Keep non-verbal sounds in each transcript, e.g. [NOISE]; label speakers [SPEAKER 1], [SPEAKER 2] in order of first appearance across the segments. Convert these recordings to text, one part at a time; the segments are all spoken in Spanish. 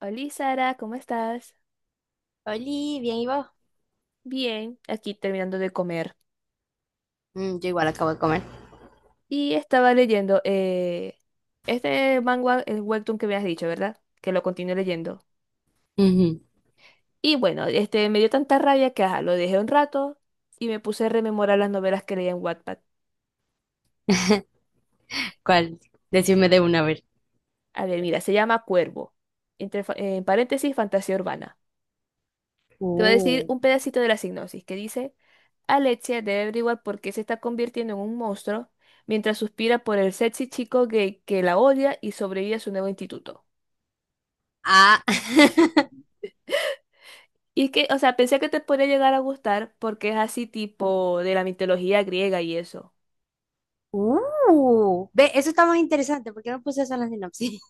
[SPEAKER 1] Hola Sara, ¿cómo estás?
[SPEAKER 2] Oli, bien, ¿y vos?
[SPEAKER 1] Bien, aquí terminando de comer.
[SPEAKER 2] Mm, yo igual acabo de comer.
[SPEAKER 1] Y estaba leyendo este manga, el webtoon que me has dicho, ¿verdad? Que lo continúo leyendo.
[SPEAKER 2] Ujú.
[SPEAKER 1] Y bueno, este me dio tanta rabia que ajá, lo dejé un rato y me puse a rememorar las novelas que leía en Wattpad.
[SPEAKER 2] ¿Cuál? Decime de una vez.
[SPEAKER 1] A ver, mira, se llama Cuervo, entre, en paréntesis, fantasía urbana. Te voy a decir
[SPEAKER 2] Uh.
[SPEAKER 1] un pedacito de la sinopsis que dice, Alexia debe averiguar por qué se está convirtiendo en un monstruo mientras suspira por el sexy chico gay que la odia y sobrevive a su nuevo instituto.
[SPEAKER 2] Ah. [LAUGHS]
[SPEAKER 1] Y que, o sea, pensé que te podría llegar a gustar porque es así tipo de la mitología griega y eso.
[SPEAKER 2] Uh, ve, eso está más interesante. ¿Por qué no puse eso en la sinopsis?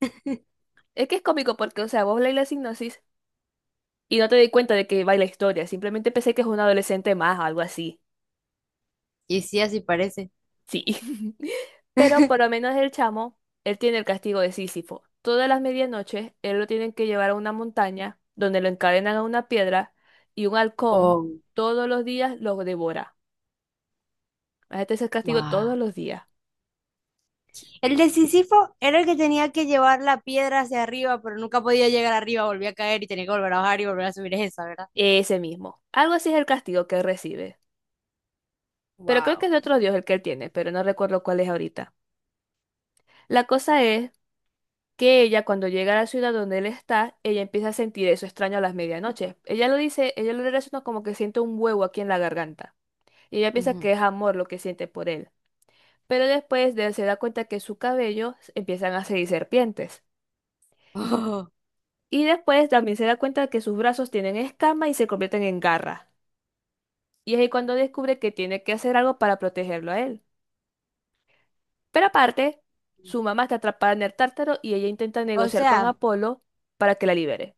[SPEAKER 2] [LAUGHS]
[SPEAKER 1] Es que es cómico porque, o sea, vos lees la sinopsis y no te di cuenta de que va la historia, simplemente pensé que es un adolescente más o algo así.
[SPEAKER 2] Y sí, así parece.
[SPEAKER 1] Sí. [LAUGHS] Pero por lo
[SPEAKER 2] [LAUGHS]
[SPEAKER 1] menos el chamo, él tiene el castigo de Sísifo. Todas las medianoches, él lo tienen que llevar a una montaña donde lo encadenan a una piedra y un halcón
[SPEAKER 2] Oh,
[SPEAKER 1] todos los días lo devora. Este es el castigo
[SPEAKER 2] wow.
[SPEAKER 1] todos los días.
[SPEAKER 2] El de Sísifo era el que tenía que llevar la piedra hacia arriba, pero nunca podía llegar arriba, volvía a caer y tenía que volver a bajar y volver a subir esa, ¿verdad?
[SPEAKER 1] Ese mismo. Algo así es el castigo que él recibe. Pero creo que
[SPEAKER 2] Wow.
[SPEAKER 1] es de otro dios el que él tiene, pero no recuerdo cuál es ahorita. La cosa es que ella cuando llega a la ciudad donde él está, ella empieza a sentir eso extraño a las medianoches. Ella lo dice, ella lo relaciona como que siente un huevo aquí en la garganta. Y ella piensa que es amor lo que siente por él. Pero se da cuenta que su cabello empiezan a seguir serpientes.
[SPEAKER 2] Oh.
[SPEAKER 1] Y después también se da cuenta que sus brazos tienen escamas y se convierten en garras. Y es ahí cuando descubre que tiene que hacer algo para protegerlo a él. Pero aparte, su
[SPEAKER 2] [LAUGHS]
[SPEAKER 1] mamá está atrapada en el tártaro y ella intenta
[SPEAKER 2] O
[SPEAKER 1] negociar con
[SPEAKER 2] sea,
[SPEAKER 1] Apolo para que la libere.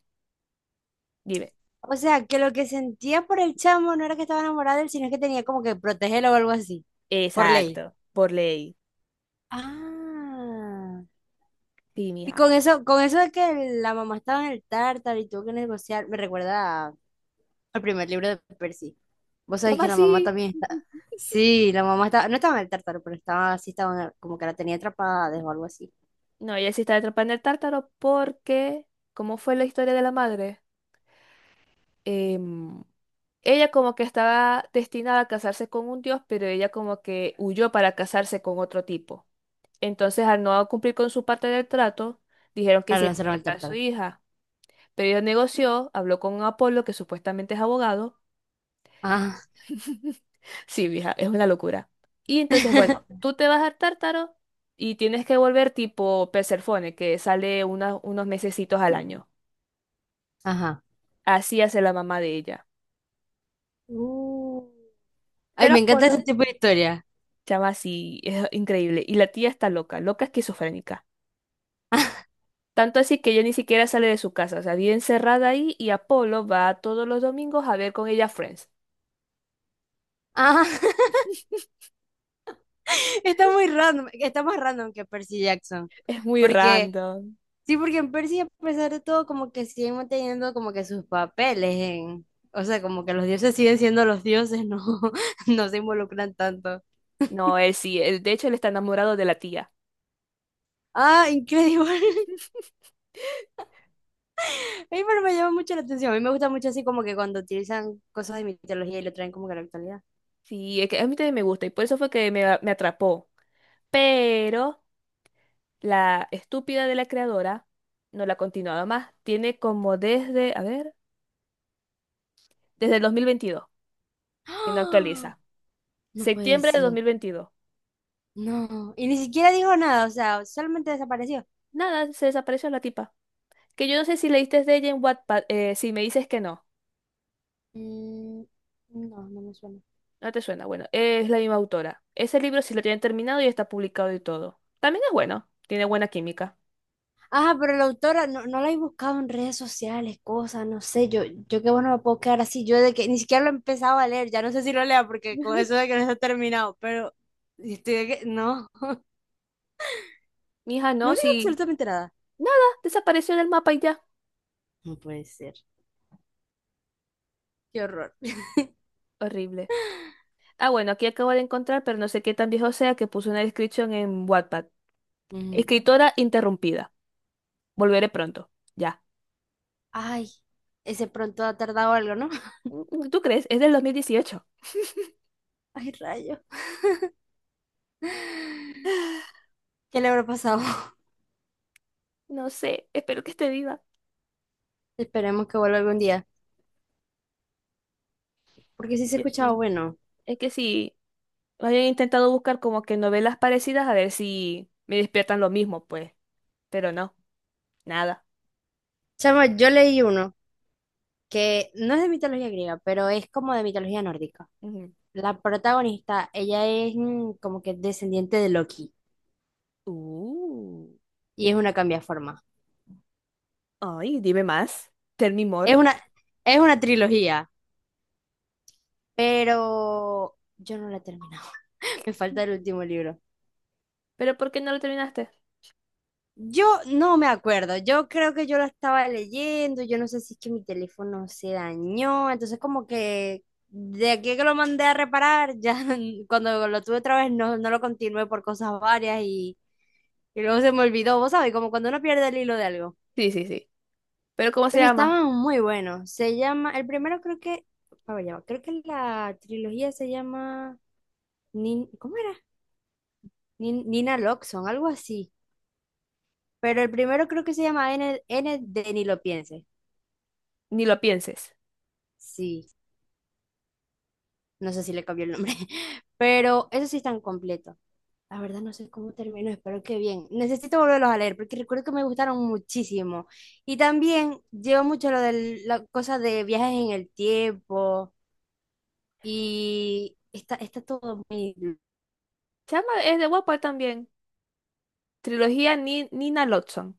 [SPEAKER 1] Dime.
[SPEAKER 2] o sea, que lo que sentía por el chamo no era que estaba enamorada de él, sino que tenía como que protegerlo o algo así, por ley.
[SPEAKER 1] Exacto, por ley.
[SPEAKER 2] Ah.
[SPEAKER 1] Sí,
[SPEAKER 2] Y
[SPEAKER 1] mija.
[SPEAKER 2] con eso de que la mamá estaba en el tártaro y tuvo que negociar, me recuerda a- al primer libro de Percy. Vos sabés
[SPEAKER 1] Llama
[SPEAKER 2] que la mamá
[SPEAKER 1] así.
[SPEAKER 2] también está. Sí, la mamá estaba, no estaba en el tártaro, pero estaba así, estaba en el- como que la tenía atrapada o algo así.
[SPEAKER 1] No, ella sí está atrapada en el tártaro porque... ¿Cómo fue la historia de la madre? Em, Ella como que estaba destinada a casarse con un dios, pero ella como que huyó para casarse con otro tipo. Entonces, al no cumplir con su parte del trato, dijeron que
[SPEAKER 2] Claro,
[SPEAKER 1] se
[SPEAKER 2] la
[SPEAKER 1] iba a
[SPEAKER 2] lanzaron al
[SPEAKER 1] llevar a su
[SPEAKER 2] tártaro.
[SPEAKER 1] hija. Pero ella negoció, habló con Apolo, que supuestamente es abogado.
[SPEAKER 2] Ah.
[SPEAKER 1] [LAUGHS] Sí, vieja, es una locura. Y entonces, bueno,
[SPEAKER 2] [LAUGHS]
[SPEAKER 1] tú te vas al Tártaro y tienes que volver tipo Perséfone, que sale unos mesecitos al año.
[SPEAKER 2] Ajá.
[SPEAKER 1] Así hace la mamá de ella.
[SPEAKER 2] Uh. Ay,
[SPEAKER 1] Pero
[SPEAKER 2] me encanta
[SPEAKER 1] Apolo,
[SPEAKER 2] ese tipo de historia.
[SPEAKER 1] Chama así, es increíble. Y la tía está loca, loca esquizofrénica.
[SPEAKER 2] [LAUGHS]
[SPEAKER 1] Tanto así que ella ni siquiera sale de su casa, o sea, vive encerrada ahí y Apolo va todos los domingos a ver con ella Friends.
[SPEAKER 2] Ah. [LAUGHS] Está muy random, está más random que Percy Jackson.
[SPEAKER 1] Es muy
[SPEAKER 2] Porque,
[SPEAKER 1] random.
[SPEAKER 2] sí, porque en Percy, a pesar de todo, como que siguen manteniendo como que sus papeles en, o sea, como que los dioses siguen siendo los dioses, no, [LAUGHS] no se involucran tanto.
[SPEAKER 1] No, él sí, de hecho él está enamorado de la tía.
[SPEAKER 2] Ah, increíble. [LAUGHS] A mí pero me llama mucho la atención. A mí me gusta mucho así como que cuando utilizan cosas de mitología y lo traen como que a la actualidad.
[SPEAKER 1] Sí, es que a mí también me gusta y por eso fue que me atrapó. Pero la estúpida de la creadora no la ha continuado más. Tiene como desde, a ver, desde el 2022,
[SPEAKER 2] [GASPS]
[SPEAKER 1] que no
[SPEAKER 2] ¡Ah!
[SPEAKER 1] actualiza.
[SPEAKER 2] No puede
[SPEAKER 1] Septiembre de
[SPEAKER 2] ser.
[SPEAKER 1] 2022.
[SPEAKER 2] No. Y ni siquiera dijo nada, o sea, solamente desapareció.
[SPEAKER 1] Nada, se desapareció la tipa. Que yo no sé si leíste de ella en Wattpad, si me dices que no,
[SPEAKER 2] Mm, no, no me suena.
[SPEAKER 1] no te suena. Bueno, es la misma autora. Ese libro sí lo tienen terminado y está publicado y todo. También es bueno, tiene buena química.
[SPEAKER 2] Ajá, pero la autora no, no la he buscado en redes sociales, cosas, no sé, yo qué bueno me puedo quedar así, yo de que ni siquiera lo he empezado a leer, ya no sé si lo lea porque con eso
[SPEAKER 1] [LAUGHS]
[SPEAKER 2] de que no está terminado, pero estoy de que, no, [LAUGHS]
[SPEAKER 1] Mija,
[SPEAKER 2] no
[SPEAKER 1] no,
[SPEAKER 2] dijo
[SPEAKER 1] sí.
[SPEAKER 2] absolutamente nada.
[SPEAKER 1] Nada, desapareció del mapa y ya.
[SPEAKER 2] No puede ser, qué horror.
[SPEAKER 1] Horrible. Ah, bueno, aquí acabo de encontrar, pero no sé qué tan viejo sea que puso una descripción en Wattpad.
[SPEAKER 2] Ujú.
[SPEAKER 1] Escritora interrumpida. Volveré pronto. Ya.
[SPEAKER 2] Ay, ese pronto ha tardado algo, ¿no? [LAUGHS]
[SPEAKER 1] Mm, ¿tú crees? Es del 2018.
[SPEAKER 2] Ay, rayo, ¿qué le habrá pasado? [LAUGHS]
[SPEAKER 1] No sé, espero que esté viva.
[SPEAKER 2] Esperemos que vuelva algún día, porque sí se
[SPEAKER 1] Yo
[SPEAKER 2] escuchaba
[SPEAKER 1] sí.
[SPEAKER 2] bueno.
[SPEAKER 1] Es que sí, había intentado buscar como que novelas parecidas a ver si me despiertan lo mismo, pues. Pero no, nada.
[SPEAKER 2] Chama, yo leí uno que no es de mitología griega, pero es como de mitología nórdica.
[SPEAKER 1] Ujú.
[SPEAKER 2] La protagonista, ella es como que descendiente de Loki
[SPEAKER 1] Uh,
[SPEAKER 2] y es una cambiaforma.
[SPEAKER 1] ay, dime más. Tell me
[SPEAKER 2] Es
[SPEAKER 1] more.
[SPEAKER 2] una, es una trilogía, pero yo no la he terminado. [LAUGHS] Me falta el último libro.
[SPEAKER 1] ¿Pero por qué no lo terminaste?
[SPEAKER 2] Yo no me acuerdo, yo creo que yo lo estaba leyendo, yo no sé si es que mi teléfono se dañó, entonces como que de aquí que lo mandé a reparar, ya [LAUGHS] cuando lo tuve otra vez no, no lo continué por cosas varias y luego se me olvidó, vos sabés, como cuando uno pierde el hilo de algo.
[SPEAKER 1] Sí, sí, sí. ¿Pero cómo se
[SPEAKER 2] Pero
[SPEAKER 1] llama?
[SPEAKER 2] estaban muy buenos. Se llama, el primero creo que, a ver, ya va, creo que la trilogía se llama, Nin- ¿cómo era? Nin- Nina Loxon, algo así. Pero el primero creo que se llama N, N de Ni lo piense.
[SPEAKER 1] Ni lo pienses.
[SPEAKER 2] Sí, no sé si le cambió el nombre. [LAUGHS] Pero eso sí están completos. La verdad no sé cómo terminó, espero que bien. Necesito volverlos a leer porque recuerdo que me gustaron muchísimo. Y también llevo mucho lo de la cosa de viajes en el tiempo y está todo muy
[SPEAKER 1] Se llama, es de Wattpad también. Trilogía Nina Lodson.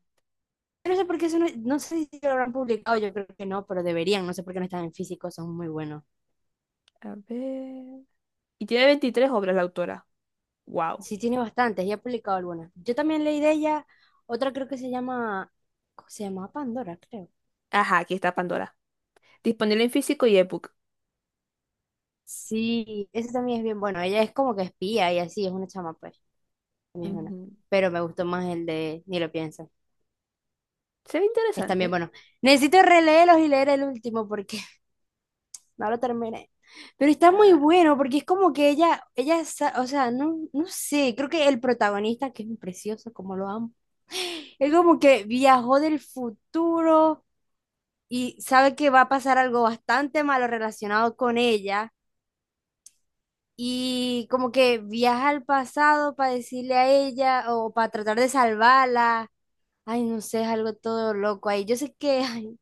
[SPEAKER 2] no sé por qué eso no, no sé si lo habrán publicado, yo creo que no, pero deberían, no sé por qué no están en físico, son muy buenos.
[SPEAKER 1] A ver. Y tiene 23 obras la autora. Wow.
[SPEAKER 2] Sí, tiene bastantes, ya ha publicado algunas. Yo también leí de ella, otra creo que se llama, ¿cómo se llama Pandora, creo.
[SPEAKER 1] Ajá, aquí está Pandora. Disponible en físico y ebook.
[SPEAKER 2] Sí, ese también es bien bueno, ella es como que espía y así, es una chama, pues, también es buena.
[SPEAKER 1] Ujú.
[SPEAKER 2] Pero me gustó más el de Ni lo pienso,
[SPEAKER 1] Se ve
[SPEAKER 2] es también
[SPEAKER 1] interesante.
[SPEAKER 2] bueno. Necesito releerlos y leer el último porque no lo terminé. Pero está muy
[SPEAKER 1] Ah,
[SPEAKER 2] bueno porque es como que ella, sa- o sea, no, no sé, creo que el protagonista, que es un precioso, como lo amo, es como que viajó del futuro y sabe que va a pasar algo bastante malo relacionado con ella y como que viaja al pasado para decirle a ella o para tratar de salvarla. Ay, no sé, es algo todo loco ahí. Yo sé que [LAUGHS] ay,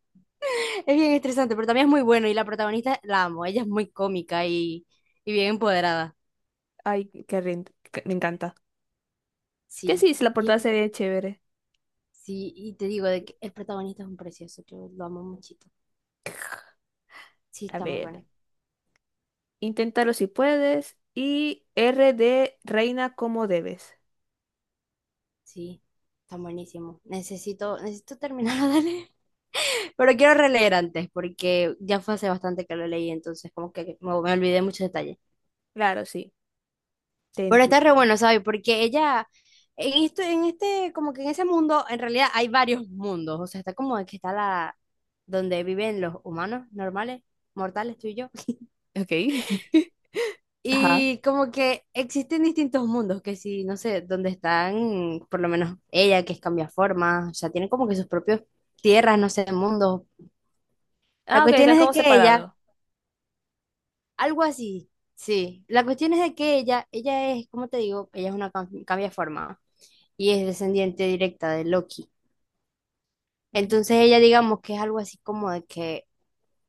[SPEAKER 2] es bien estresante, pero también es muy bueno y la protagonista la amo, ella es muy cómica y bien empoderada.
[SPEAKER 1] ay, me encanta. Que sí,
[SPEAKER 2] Sí,
[SPEAKER 1] si la
[SPEAKER 2] y
[SPEAKER 1] portada
[SPEAKER 2] el-
[SPEAKER 1] se ve chévere.
[SPEAKER 2] sí, y te digo de que el protagonista es un precioso, yo lo amo muchito. Sí,
[SPEAKER 1] A
[SPEAKER 2] está muy
[SPEAKER 1] ver,
[SPEAKER 2] bueno.
[SPEAKER 1] inténtalo si puedes. Y R de reina como debes.
[SPEAKER 2] Sí, está buenísimo. Necesito terminar de leer. [LAUGHS] Pero quiero releer antes, porque ya fue hace bastante que lo leí, entonces como que me olvidé muchos detalles.
[SPEAKER 1] Claro, sí, te
[SPEAKER 2] Pero está re
[SPEAKER 1] entiendo.
[SPEAKER 2] bueno, ¿sabes? Porque ella, en esto, en este, como que en ese mundo, en realidad hay varios mundos. O sea, está como que está la, donde viven los humanos normales, mortales, tú y yo.
[SPEAKER 1] Ok. [LAUGHS] Ajá.
[SPEAKER 2] Y como que existen distintos mundos, que si, no sé, donde están, por lo menos ella, que es cambia forma, o sea, tiene como que sus propios tierras, no sé, mundos. La
[SPEAKER 1] Ah, ok,
[SPEAKER 2] cuestión
[SPEAKER 1] están
[SPEAKER 2] es de
[SPEAKER 1] como
[SPEAKER 2] que ella,
[SPEAKER 1] separados. [LAUGHS]
[SPEAKER 2] algo así, sí, la cuestión es de que ella es, como te digo, ella es una cambia forma y es descendiente directa de Loki.
[SPEAKER 1] Mm.
[SPEAKER 2] Entonces ella, digamos que es algo así como de que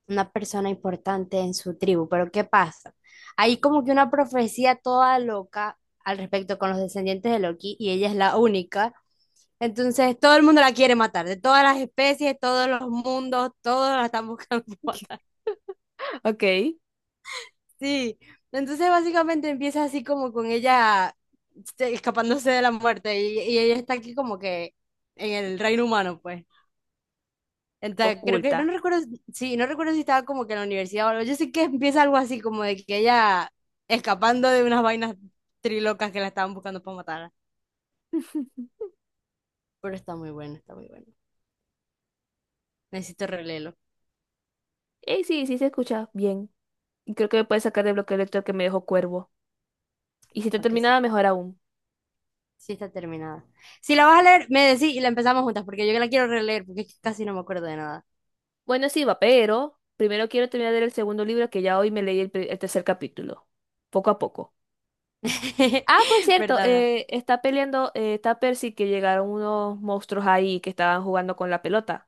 [SPEAKER 2] una persona importante en su tribu. Pero ¿qué pasa? Hay como que una profecía toda loca al respecto con los descendientes de Loki y ella es la única. Entonces todo el mundo la quiere matar, de todas las especies, todos los mundos, todos la están buscando [LAUGHS] matar.
[SPEAKER 1] Ok.
[SPEAKER 2] Sí, entonces básicamente empieza así como con ella este, escapándose de la muerte y ella está aquí como que en el reino humano, pues. Entonces, creo que,
[SPEAKER 1] Oculta.
[SPEAKER 2] no recuerdo, sí, no recuerdo si estaba como que en la universidad o algo. Yo sé que empieza algo así, como de que ella escapando de unas vainas trilocas que la estaban buscando para matarla.
[SPEAKER 1] [LAUGHS]
[SPEAKER 2] Pero está muy bueno, está muy bueno. Necesito releerlo,
[SPEAKER 1] Sí, sí se escucha bien. Y creo que me puede sacar del bloqueo de lector que me dejó Cuervo. Y si está
[SPEAKER 2] para que
[SPEAKER 1] terminada
[SPEAKER 2] sepa.
[SPEAKER 1] mejor aún.
[SPEAKER 2] Sí está terminada. Si la vas a leer, me decís y la empezamos juntas, porque yo la quiero releer, porque es que casi no me acuerdo de nada.
[SPEAKER 1] Bueno, sí, va, pero primero quiero terminar de leer el segundo libro que ya hoy me leí el tercer capítulo. Poco a poco. Ah, por
[SPEAKER 2] [LAUGHS]
[SPEAKER 1] cierto,
[SPEAKER 2] ¿Verdad, verdad?
[SPEAKER 1] está peleando, está Percy que llegaron unos monstruos ahí que estaban jugando con la pelota.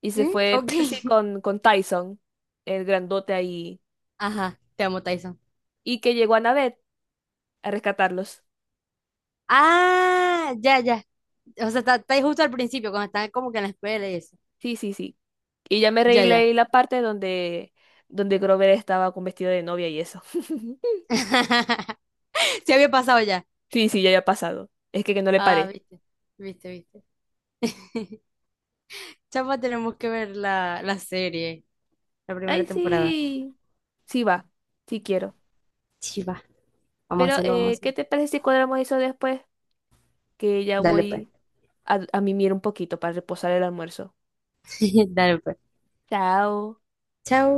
[SPEAKER 1] Y se
[SPEAKER 2] ¿Mm?
[SPEAKER 1] fue
[SPEAKER 2] Ok.
[SPEAKER 1] Percy
[SPEAKER 2] [LAUGHS]
[SPEAKER 1] con Tyson, el grandote ahí.
[SPEAKER 2] Ajá, te amo, Tyson.
[SPEAKER 1] Y que llegó Annabeth a rescatarlos.
[SPEAKER 2] Ah, ya, ya. O sea, está, está ahí justo al principio, cuando están como que en la escuela y eso.
[SPEAKER 1] Sí, sí, sí. Y ya me reí
[SPEAKER 2] Ya, ya.
[SPEAKER 1] leí la parte donde Grover estaba con vestido de novia y eso. [LAUGHS]
[SPEAKER 2] [LAUGHS] Se había pasado ya.
[SPEAKER 1] Sí, sí, ya había pasado. Es que no le
[SPEAKER 2] Ah,
[SPEAKER 1] paré.
[SPEAKER 2] viste, viste, viste. [LAUGHS] Chapa, tenemos que ver la, la serie, la primera
[SPEAKER 1] Ay,
[SPEAKER 2] temporada.
[SPEAKER 1] sí. Sí va. Sí quiero.
[SPEAKER 2] Sí, va. Vamos a
[SPEAKER 1] Pero,
[SPEAKER 2] hacerlo, vamos a
[SPEAKER 1] ¿qué
[SPEAKER 2] hacerlo.
[SPEAKER 1] te parece si cuadramos eso después? Que ya
[SPEAKER 2] Dale pues.
[SPEAKER 1] voy a mimir un poquito para reposar el almuerzo.
[SPEAKER 2] [LAUGHS] Dale pues.
[SPEAKER 1] Chao.
[SPEAKER 2] Chao.